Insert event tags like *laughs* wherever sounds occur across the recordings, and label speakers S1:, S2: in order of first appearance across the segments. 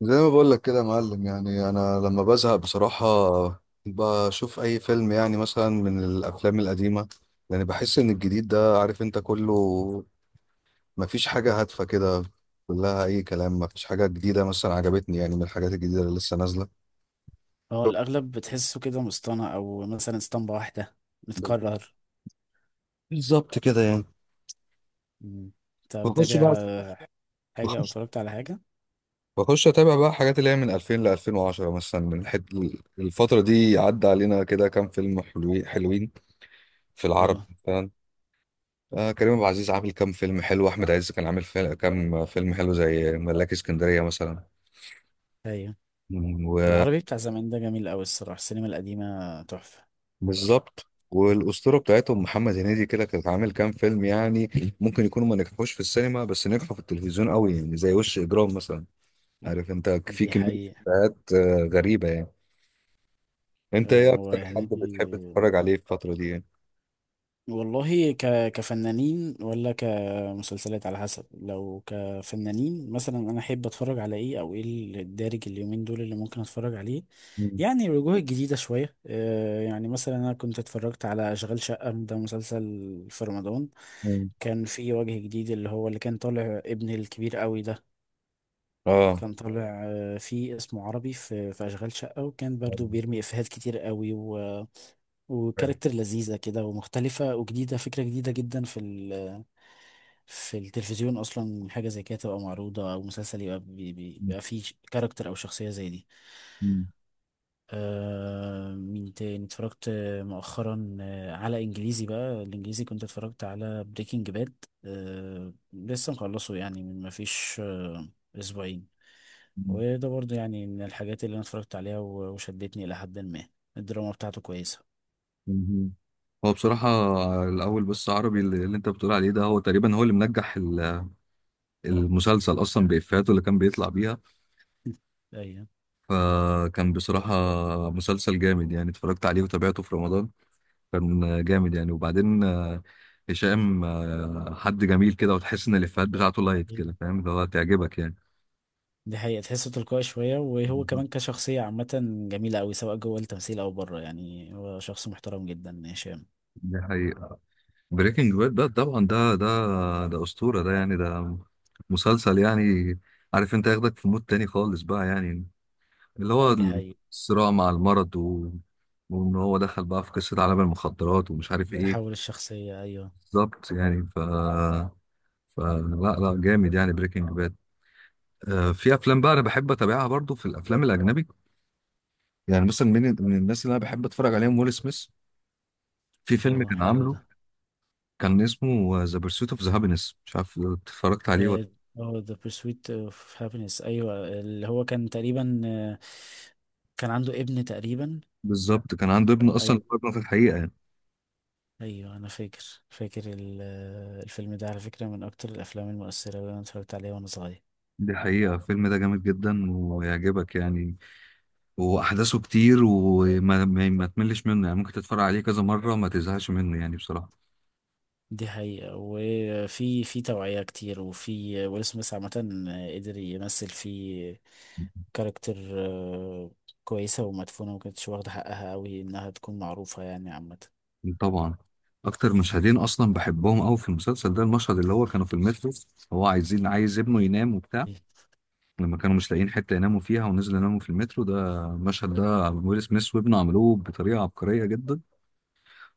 S1: زي ما بقول لك كده يا معلم، يعني انا لما بزهق بصراحة بشوف اي فيلم، يعني مثلا من الافلام القديمة. يعني بحس ان الجديد ده، عارف انت، كله مفيش حاجة هادفة كده، كلها اي كلام. مفيش حاجة جديدة مثلا عجبتني يعني من الحاجات الجديدة اللي لسه نازلة.
S2: اه، الأغلب بتحسه كده مصطنع أو مثلا اسطمبة واحدة متكرر.
S1: بالظبط كده يعني.
S2: مم. أنت
S1: بخش
S2: متابع
S1: بقى
S2: حاجة أو
S1: بخش
S2: اتفرجت على حاجة؟
S1: بخش اتابع بقى حاجات اللي هي من 2000 ل 2010 مثلا الفترة دي عدى علينا كده كام فيلم حلوين حلوين في العرب.
S2: اه.
S1: آه، كريم عبد العزيز عامل كام فيلم حلو. احمد عز كان عامل فيلم كام فيلم حلو زي ملاك اسكندريه مثلا.
S2: أيوة.
S1: مم.
S2: العربي بتاع زمان ده جميل أوي الصراحة، السينما القديمة تحفة.
S1: وبالظبط. والاسطوره بتاعتهم محمد هنيدي كده، كانت عامل كام فيلم يعني. ممكن يكونوا ما نجحوش في السينما بس نجحوا في التلفزيون قوي يعني، زي وش اجرام مثلا. عارف انت في
S2: دي
S1: كميه
S2: حقيقة.
S1: حاجات غريبه يعني. انت ايه
S2: هو
S1: اكتر حد بتحب
S2: هنيدي
S1: تتفرج عليه في الفتره دي يعني؟
S2: والله. كفنانين ولا كمسلسلات؟ على حسب، لو كفنانين مثلا انا احب اتفرج على ايه او ايه الدارج اليومين دول اللي ممكن اتفرج عليه.
S1: مم.
S2: يعني الوجوه الجديدة شوية يعني، مثلا انا كنت اتفرجت على اشغال شقة، ده مسلسل في رمضان.
S1: مم.
S2: كان في وجه جديد اللي هو اللي كان طالع ابن الكبير قوي ده،
S1: اه.
S2: كان طالع فيه اسمه عربي في اشغال شقة، وكان برضو بيرمي افيهات كتير قوي، وكاركتر لذيذة كده ومختلفة وجديدة، فكرة جديدة جدا في التلفزيون أصلا حاجة زي كده تبقى معروضة، أو مسلسل يبقى
S1: مم.
S2: بيبقى فيه كاركتر أو شخصية زي دي.
S1: مم.
S2: آه، مين تاني اتفرجت مؤخرا على إنجليزي بقى. الإنجليزي كنت اتفرجت على بريكنج باد، لسه مخلصه يعني من مفيش آه أسبوعين.
S1: مم.
S2: وده برضه يعني من الحاجات اللي أنا اتفرجت عليها وشدتني إلى حد ما. الدراما بتاعته كويسة.
S1: مهم. هو بصراحة الأول، بس عربي اللي أنت بتقول عليه ده هو تقريبا هو اللي منجح المسلسل أصلا بإفيهاته اللي كان بيطلع بيها.
S2: أيوة.
S1: فكان بصراحة مسلسل جامد يعني. اتفرجت عليه وتابعته في رمضان. كان جامد يعني. وبعدين هشام حد جميل كده، وتحس إن الإفيهات بتاعته لايت كده، فاهم اللي هو، تعجبك يعني.
S2: دي حقيقة، تحسه تلقائي شوية، وهو
S1: بالظبط.
S2: كمان كشخصية عامة جميلة أوي، سواء جوه التمثيل أو بره. يعني هو شخص محترم جدا هشام.
S1: دي حقيقة. بريكنج باد ده طبعا ده أسطورة. ده يعني ده مسلسل يعني، عارف انت، ياخدك في مود تاني خالص بقى، يعني اللي هو
S2: دي حقيقة.
S1: الصراع مع المرض وان هو دخل بقى في قصة عالم المخدرات ومش عارف ايه.
S2: تحول الشخصية، أيوه.
S1: بالظبط يعني. فلا لا جامد يعني بريكنج باد. في افلام بقى انا بحب اتابعها برضو في الافلام الاجنبي. يعني مثلا من الناس اللي انا بحب اتفرج عليهم ويل سميث. في فيلم
S2: هو
S1: كان
S2: حلو
S1: عامله،
S2: ده.
S1: كان اسمه ذا بيرسوت اوف ذا هابينس، مش عارف اتفرجت عليه ولا.
S2: آه، هو The Pursuit of Happiness، أيوه اللي هو كان تقريبا كان عنده ابن تقريبا.
S1: بالظبط، كان عنده ابن، اصلا
S2: أيوه.
S1: ابنه في الحقيقة يعني.
S2: أيوه أنا فاكر، فاكر الفيلم ده على فكرة من أكتر الأفلام المؤثرة اللي أنا اتفرجت عليها وأنا صغير.
S1: دي حقيقة. الفيلم ده جامد جدا ويعجبك يعني، واحداثه كتير وما ما, ما تملش منه يعني، ممكن تتفرج عليه كذا مره ما تزهقش منه يعني بصراحه.
S2: دي حقيقة، وفي توعية كتير، وفي ويل سميث عامة قدر يمثل في كاركتر آه، كويسة ومدفونة وما كانتش واخدة حقها أوي إنها تكون معروفة يعني عامة.
S1: طبعا. اكتر مشهدين اصلا بحبهم قوي في المسلسل ده، المشهد اللي هو كانوا في المترو. هو عايز ابنه ينام وبتاع.
S2: إيه،
S1: لما كانوا مش لاقيين حته يناموا فيها، ونزلوا يناموا في المترو، ده المشهد، ده ويل سميث وابنه عملوه بطريقه عبقريه جدا.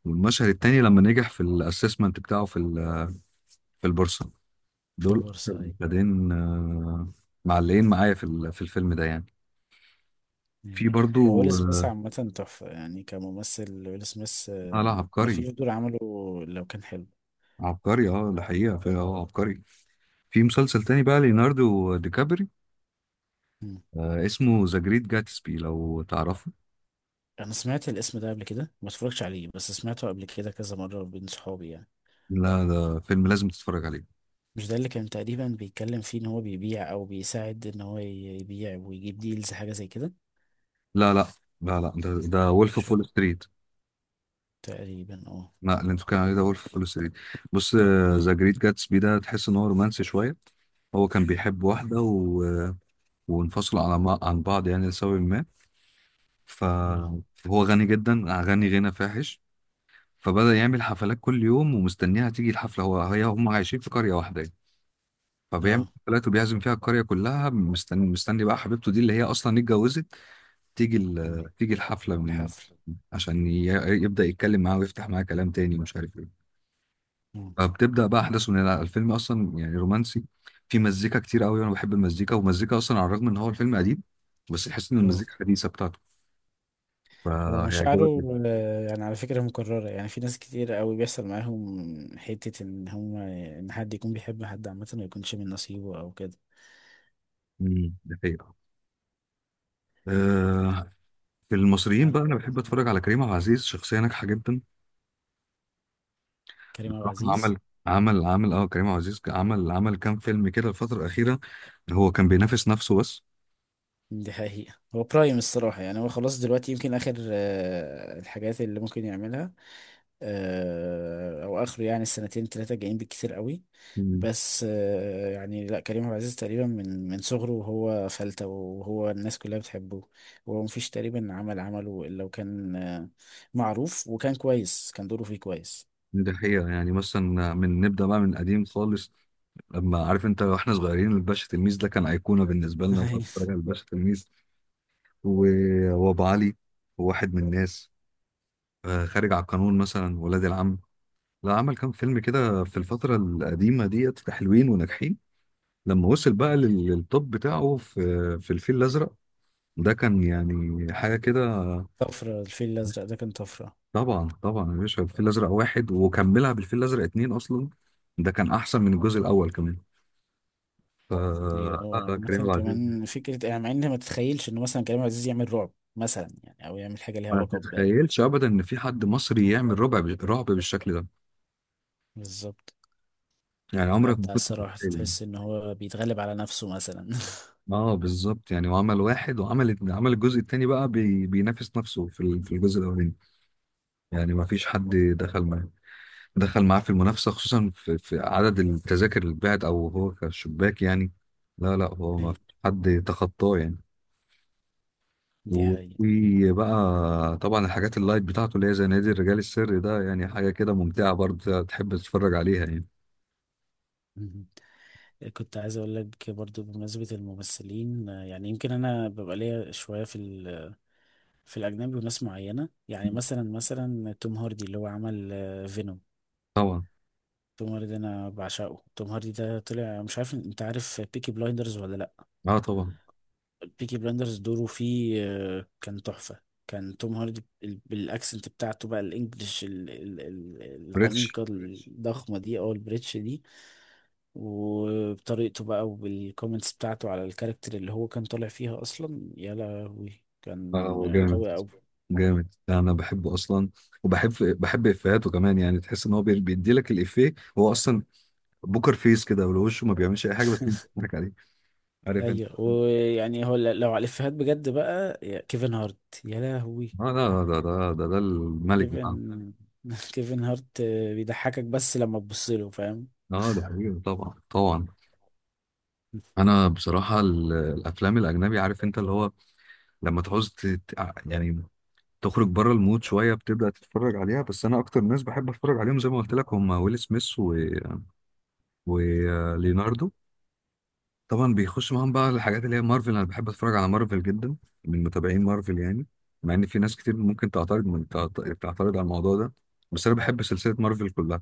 S1: والمشهد التاني لما نجح في الاسسمنت بتاعه في البورصه.
S2: في
S1: دول اكتر
S2: البورصة، أي.
S1: مشهدين معلقين معايا في الفيلم ده يعني.
S2: أي.
S1: في
S2: هو
S1: برضو
S2: ويل سميث عامة تحفة يعني كممثل. ويل سميث
S1: اه لا عبقري.
S2: مفيش دور عمله لو كان حلو.
S1: عبقري. اه ده حقيقة. في عبقري في مسلسل تاني بقى، ليوناردو دي كابري.
S2: مم.
S1: اسمه ذا جريت جاتسبي، لو تعرفه.
S2: أنا سمعت الاسم ده قبل كده، ما اتفرجتش عليه، بس سمعته قبل كده كذا مرة بين صحابي يعني.
S1: لا، ده فيلم لازم تتفرج عليه.
S2: مش ده اللي كان تقريبا بيتكلم فيه ان هو بيبيع او بيساعد ان هو يبيع ويجيب ديلز حاجة زي كده؟
S1: لا لا لا لا، ده وولف
S2: مش
S1: اوف
S2: هو
S1: وول ستريت.
S2: تقريبا. اه.
S1: لا، اللي انت بتتكلم عليه ده وولف اوف وول ستريت. بص، ذا جريت جاتسبي ده تحس ان هو رومانسي شوية. هو كان بيحب
S2: اه.
S1: واحدة وانفصلوا على ما... عن بعض يعني لسبب ما. ف...
S2: اه.
S1: فهو غني جدا، غني غنى فاحش. فبدأ يعمل حفلات كل يوم ومستنيها تيجي الحفلة. هو هي هم عايشين في قرية واحدة يعني. فبيعمل
S2: اه.
S1: حفلات وبيعزم فيها القرية كلها، مستني مستني بقى حبيبته دي اللي هي أصلا اتجوزت تيجي
S2: آه.
S1: الحفلة
S2: الحفل.
S1: عشان يبدأ يتكلم معاها ويفتح معاها كلام تاني ومش عارف ايه.
S2: اه.
S1: فبتبدأ بقى أحداثه من هنا. الفيلم أصلا يعني رومانسي، في مزيكا كتير قوي، وأنا بحب المزيكا. والمزيكا أصلا، على الرغم إن هو الفيلم قديم، بس تحس إن
S2: اه.
S1: المزيكا حديثة بتاعته.
S2: هو مشاعره
S1: فهيعجبك جدا.
S2: يعني على فكرة مكررة، يعني في ناس كتير قوي بيحصل معاهم حتة ان هم ان حد يكون بيحب حد عامة ما يكونش من نصيبه او كده.
S1: مم، ده حقيقة. آه، في المصريين
S2: انا.
S1: بقى، انا بحب اتفرج على كريم عبد العزيز، شخصيه ناجحه جدا.
S2: كريم عبد
S1: بصراحه
S2: العزيز.
S1: عمل عمل عمل اه كريم عبد العزيز عمل كام فيلم كده الفتره الاخيره. هو كان بينافس نفسه بس.
S2: دي حقيقة. هو برايم الصراحة يعني، هو خلاص دلوقتي يمكن آخر الحاجات اللي ممكن يعملها، او اخره يعني السنتين ثلاثه جايين بالكتير قوي.
S1: مم.
S2: بس يعني لا، كريم عبد العزيز تقريبا من صغره وهو فلته، وهو الناس كلها بتحبه. هو مفيش تقريبا عمل عمله الا وكان معروف، وكان كويس، كان دوره فيه كويس.
S1: ده حقيقه يعني، مثلا نبدا بقى من قديم خالص. لما عارف انت واحنا صغيرين، الباشا تلميذ ده كان ايقونه بالنسبه لنا، تقعد تتفرج
S2: *laughs*
S1: على الباشا تلميذ وابو علي، وواحد من الناس، خارج على القانون، مثلا ولاد العم. لا، عمل كام فيلم كده في الفتره القديمه ديت حلوين وناجحين. لما وصل بقى للتوب بتاعه في الفيل الازرق، ده كان يعني حاجه كده.
S2: طفره. الفيل الازرق ده كان طفره.
S1: طبعا طبعا يا باشا، الفيل الازرق واحد، وكملها بالفيل الازرق اتنين اصلا. ده كان احسن من الجزء الاول كمان. ف
S2: ليه هو
S1: آه، كريم
S2: عامه
S1: عبد العزيز،
S2: كمان فكره يعني، مع ان ما تتخيلش انه مثلا كريم عبد العزيز يعمل رعب مثلا يعني، او يعمل حاجه ليها
S1: ما
S2: علاقه ب...
S1: تتخيلش ابدا ان في حد مصري يعمل ربع رعب بالشكل ده،
S2: بالظبط.
S1: يعني عمرك ما
S2: ابدع
S1: كنت
S2: الصراحه،
S1: تتخيل.
S2: تحس ان هو بيتغلب على نفسه مثلا.
S1: اه بالظبط يعني. وعمل واحد، وعمل الجزء التاني بقى، بينافس نفسه في الجزء الاولاني. يعني ما فيش حد دخل معاه دخل معاه في المنافسة، خصوصا في عدد التذاكر اللي اتباعت، أو هو كشباك يعني. لا لا، هو ما في
S2: *laughs*
S1: حد تخطاه يعني.
S2: دي حقيقة.
S1: وفي بقى طبعا الحاجات اللايت بتاعته اللي هي زي نادي الرجال السري ده، يعني حاجة كده ممتعة برضه تحب تتفرج عليها يعني.
S2: مهم. كنت عايز اقول لك برضو بمناسبة الممثلين يعني يمكن انا ببقى ليا شوية في الاجنبي وناس معينة يعني، مثلا توم هاردي اللي هو عمل فينوم.
S1: طبعا.
S2: توم هاردي انا بعشقه. توم هاردي ده طلع مش عارف انت، عارف بيكي بلايندرز ولا لا؟
S1: اه طبعا.
S2: بيكي بلايندرز دوره فيه كان تحفة. كان توم هاردي بالاكسنت بتاعته بقى، الانجليش
S1: ريتش.
S2: العميقة الضخمة دي او البريتش دي، وبطريقته بقى، وبالكومنتس بتاعته على الكاركتر اللي هو كان طالع فيها اصلا، يا لهوي
S1: اه، هو
S2: كان
S1: جامد.
S2: قوي.
S1: جامد، ده انا بحبه اصلا. وبحب افيهاته كمان يعني، تحس ان هو بيدي لك الافيه. هو اصلا بوكر فيس كده، ولو وشه ما بيعملش اي حاجه بس
S2: *laughs*
S1: بتضحك عليه، عارف.
S2: ايوه. ويعني هو لو على الافيهات بجد بقى، يا كيفن هارت يا لهوي.
S1: اه لا، ده الملك بتاعنا.
S2: كيفن. *laughs* كيفن هارت بيضحكك بس لما تبص له، فاهم.
S1: اه، ده حقيقي. طبعا طبعا. انا بصراحه الافلام الاجنبي، عارف انت اللي هو لما تعوز يعني تخرج بره المود شويه، بتبدا تتفرج عليها. بس انا اكتر ناس بحب اتفرج عليهم زي ما قلت لك هم ويل سميث وليوناردو. طبعا بيخش معاهم بقى الحاجات اللي هي مارفل. انا بحب اتفرج على مارفل جدا، من متابعين مارفل يعني. مع ان في ناس كتير ممكن تعترض من تعترض على الموضوع ده. بس انا بحب سلسله مارفل كلها.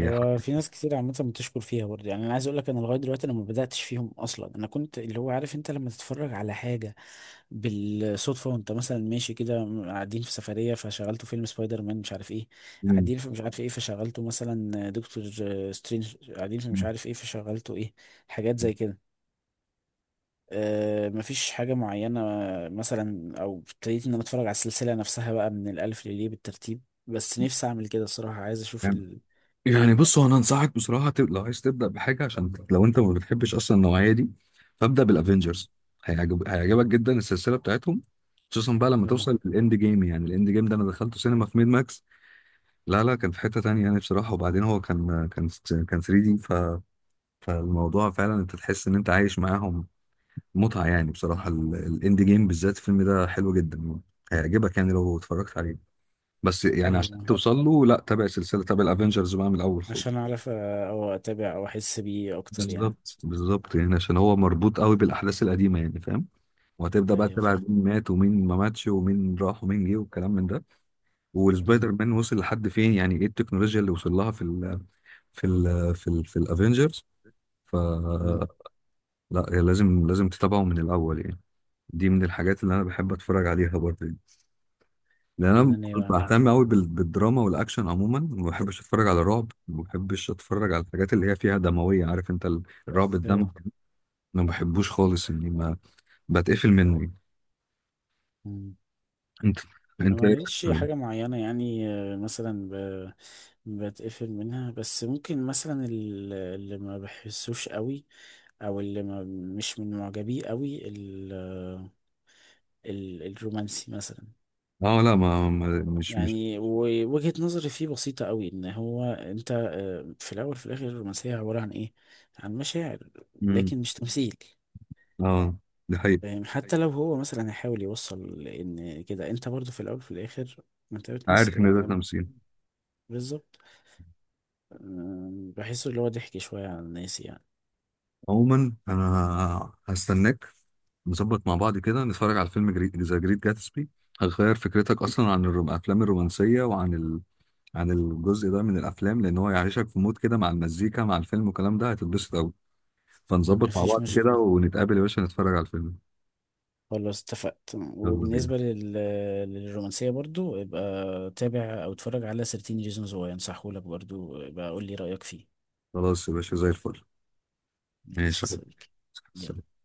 S2: هو في ناس كتير عامة بتشكر فيها برضه يعني. أنا عايز أقول لك، أنا لغاية دلوقتي أنا ما بدأتش فيهم أصلا. أنا كنت اللي هو عارف أنت، لما تتفرج على حاجة بالصدفة وانت مثلا ماشي كده، قاعدين في سفرية فشغلتوا فيلم سبايدر مان مش عارف ايه، قاعدين في مش عارف ايه فشغلتوا مثلا دكتور سترينج، قاعدين في مش
S1: يعني
S2: عارف ايه فشغلتوا ايه، حاجات زي كده. اه، مفيش حاجة معينة مثلا، او ابتديت ان انا اتفرج على السلسلة نفسها بقى من الالف لليه بالترتيب. بس نفسي اعمل كده الصراحة، عايز اشوف
S1: يعني بص، هو انا انصحك بصراحه، لو عايز تبدا بحاجه، عشان لو انت ما بتحبش اصلا النوعيه دي، فابدا بالافنجرز. هيعجبك جدا السلسله بتاعتهم، خصوصا بقى لما
S2: اه،
S1: توصل للاند جيم. يعني الاند جيم ده انا دخلته سينما في ميد ماكس. لا لا، كان في حته تانية يعني بصراحه. وبعدين هو كان 3 دي، فالموضوع فعلا انت تحس ان انت عايش معاهم، متعه يعني بصراحه. الاند جيم بالذات الفيلم ده حلو جدا يعني. هيعجبك يعني لو اتفرجت عليه. بس يعني عشان
S2: ايوه
S1: توصل له، لا تابع سلسله، تابع الافنجرز بقى من الاول خالص.
S2: عشان اعرف او اتابع او احس بيه اكتر يعني.
S1: بالظبط بالظبط يعني، عشان هو مربوط قوي بالاحداث القديمه يعني، فاهم. وهتبدا بقى
S2: ايوه
S1: تتابع
S2: فاهم.
S1: مين مات ومين ما ماتش ومين راح ومين جه والكلام من ده،
S2: مم.
S1: والسبايدر مان وصل لحد فين، يعني ايه التكنولوجيا اللي وصل لها في الافينجرز. ف
S2: مم.
S1: لا يعني، لازم لازم تتابعه من الاول يعني. دي من الحاجات اللي انا بحب اتفرج عليها برضه يعني. لان انا
S2: وانا ناوي اعمل
S1: بهتم
S2: كده.
S1: قوي بالدراما والاكشن عموما. ما بحبش اتفرج على رعب، ما بحبش اتفرج على الحاجات اللي هي فيها دمويه، عارف انت الرعب الدموي،
S2: ايوه
S1: انا ما بحبوش خالص يعني. بتقفل منه. انت
S2: انا
S1: انت ايه
S2: معيش
S1: رأيك؟
S2: حاجه معينه يعني بتقفل منها، بس ممكن مثلا اللي ما بحسوش قوي، او اللي ما مش من معجبيه قوي الرومانسي مثلا.
S1: اه لا، مش.
S2: يعني ووجهة نظري فيه بسيطة قوي، ان هو انت في الاول في الاخر الرومانسية عبارة عن ايه؟ عن مشاعر،
S1: مم.
S2: لكن مش تمثيل.
S1: اه، دي حقيقة.
S2: فاهم؟ حتى أيوة. لو هو مثلا هيحاول يوصل ان كده، انت برضو في الاول في الاخر ما انت
S1: عارف
S2: بتمثل
S1: ان ده
S2: ده.
S1: تمثيل.
S2: بالظبط. بحسه اللي هو ضحك شوية على الناس يعني.
S1: عموما انا هستناك، نظبط مع بعض كده، نتفرج على فيلم ذا جريت جاتسبي. هتغير فكرتك اصلا عن الافلام الرومانسيه، عن الجزء ده من الافلام. لان هو يعيشك في مود كده، مع المزيكا مع الفيلم والكلام ده، هتتبسط قوي. فنظبط مع
S2: مفيش
S1: بعض كده،
S2: مشكلة،
S1: ونتقابل يا باشا نتفرج على الفيلم.
S2: خلاص اتفقت.
S1: يلا بينا.
S2: وبالنسبة للرومانسية برضو، يبقى تابع أو اتفرج على 13 ريزونز واي، أنصحهولك. برضو يبقى قول لي رأيك فيه.
S1: خلاص يا باشا زي الفل.
S2: ماشي
S1: ماشي
S2: يا
S1: يا حبيبي.
S2: صديقي. يلا.
S1: سلام.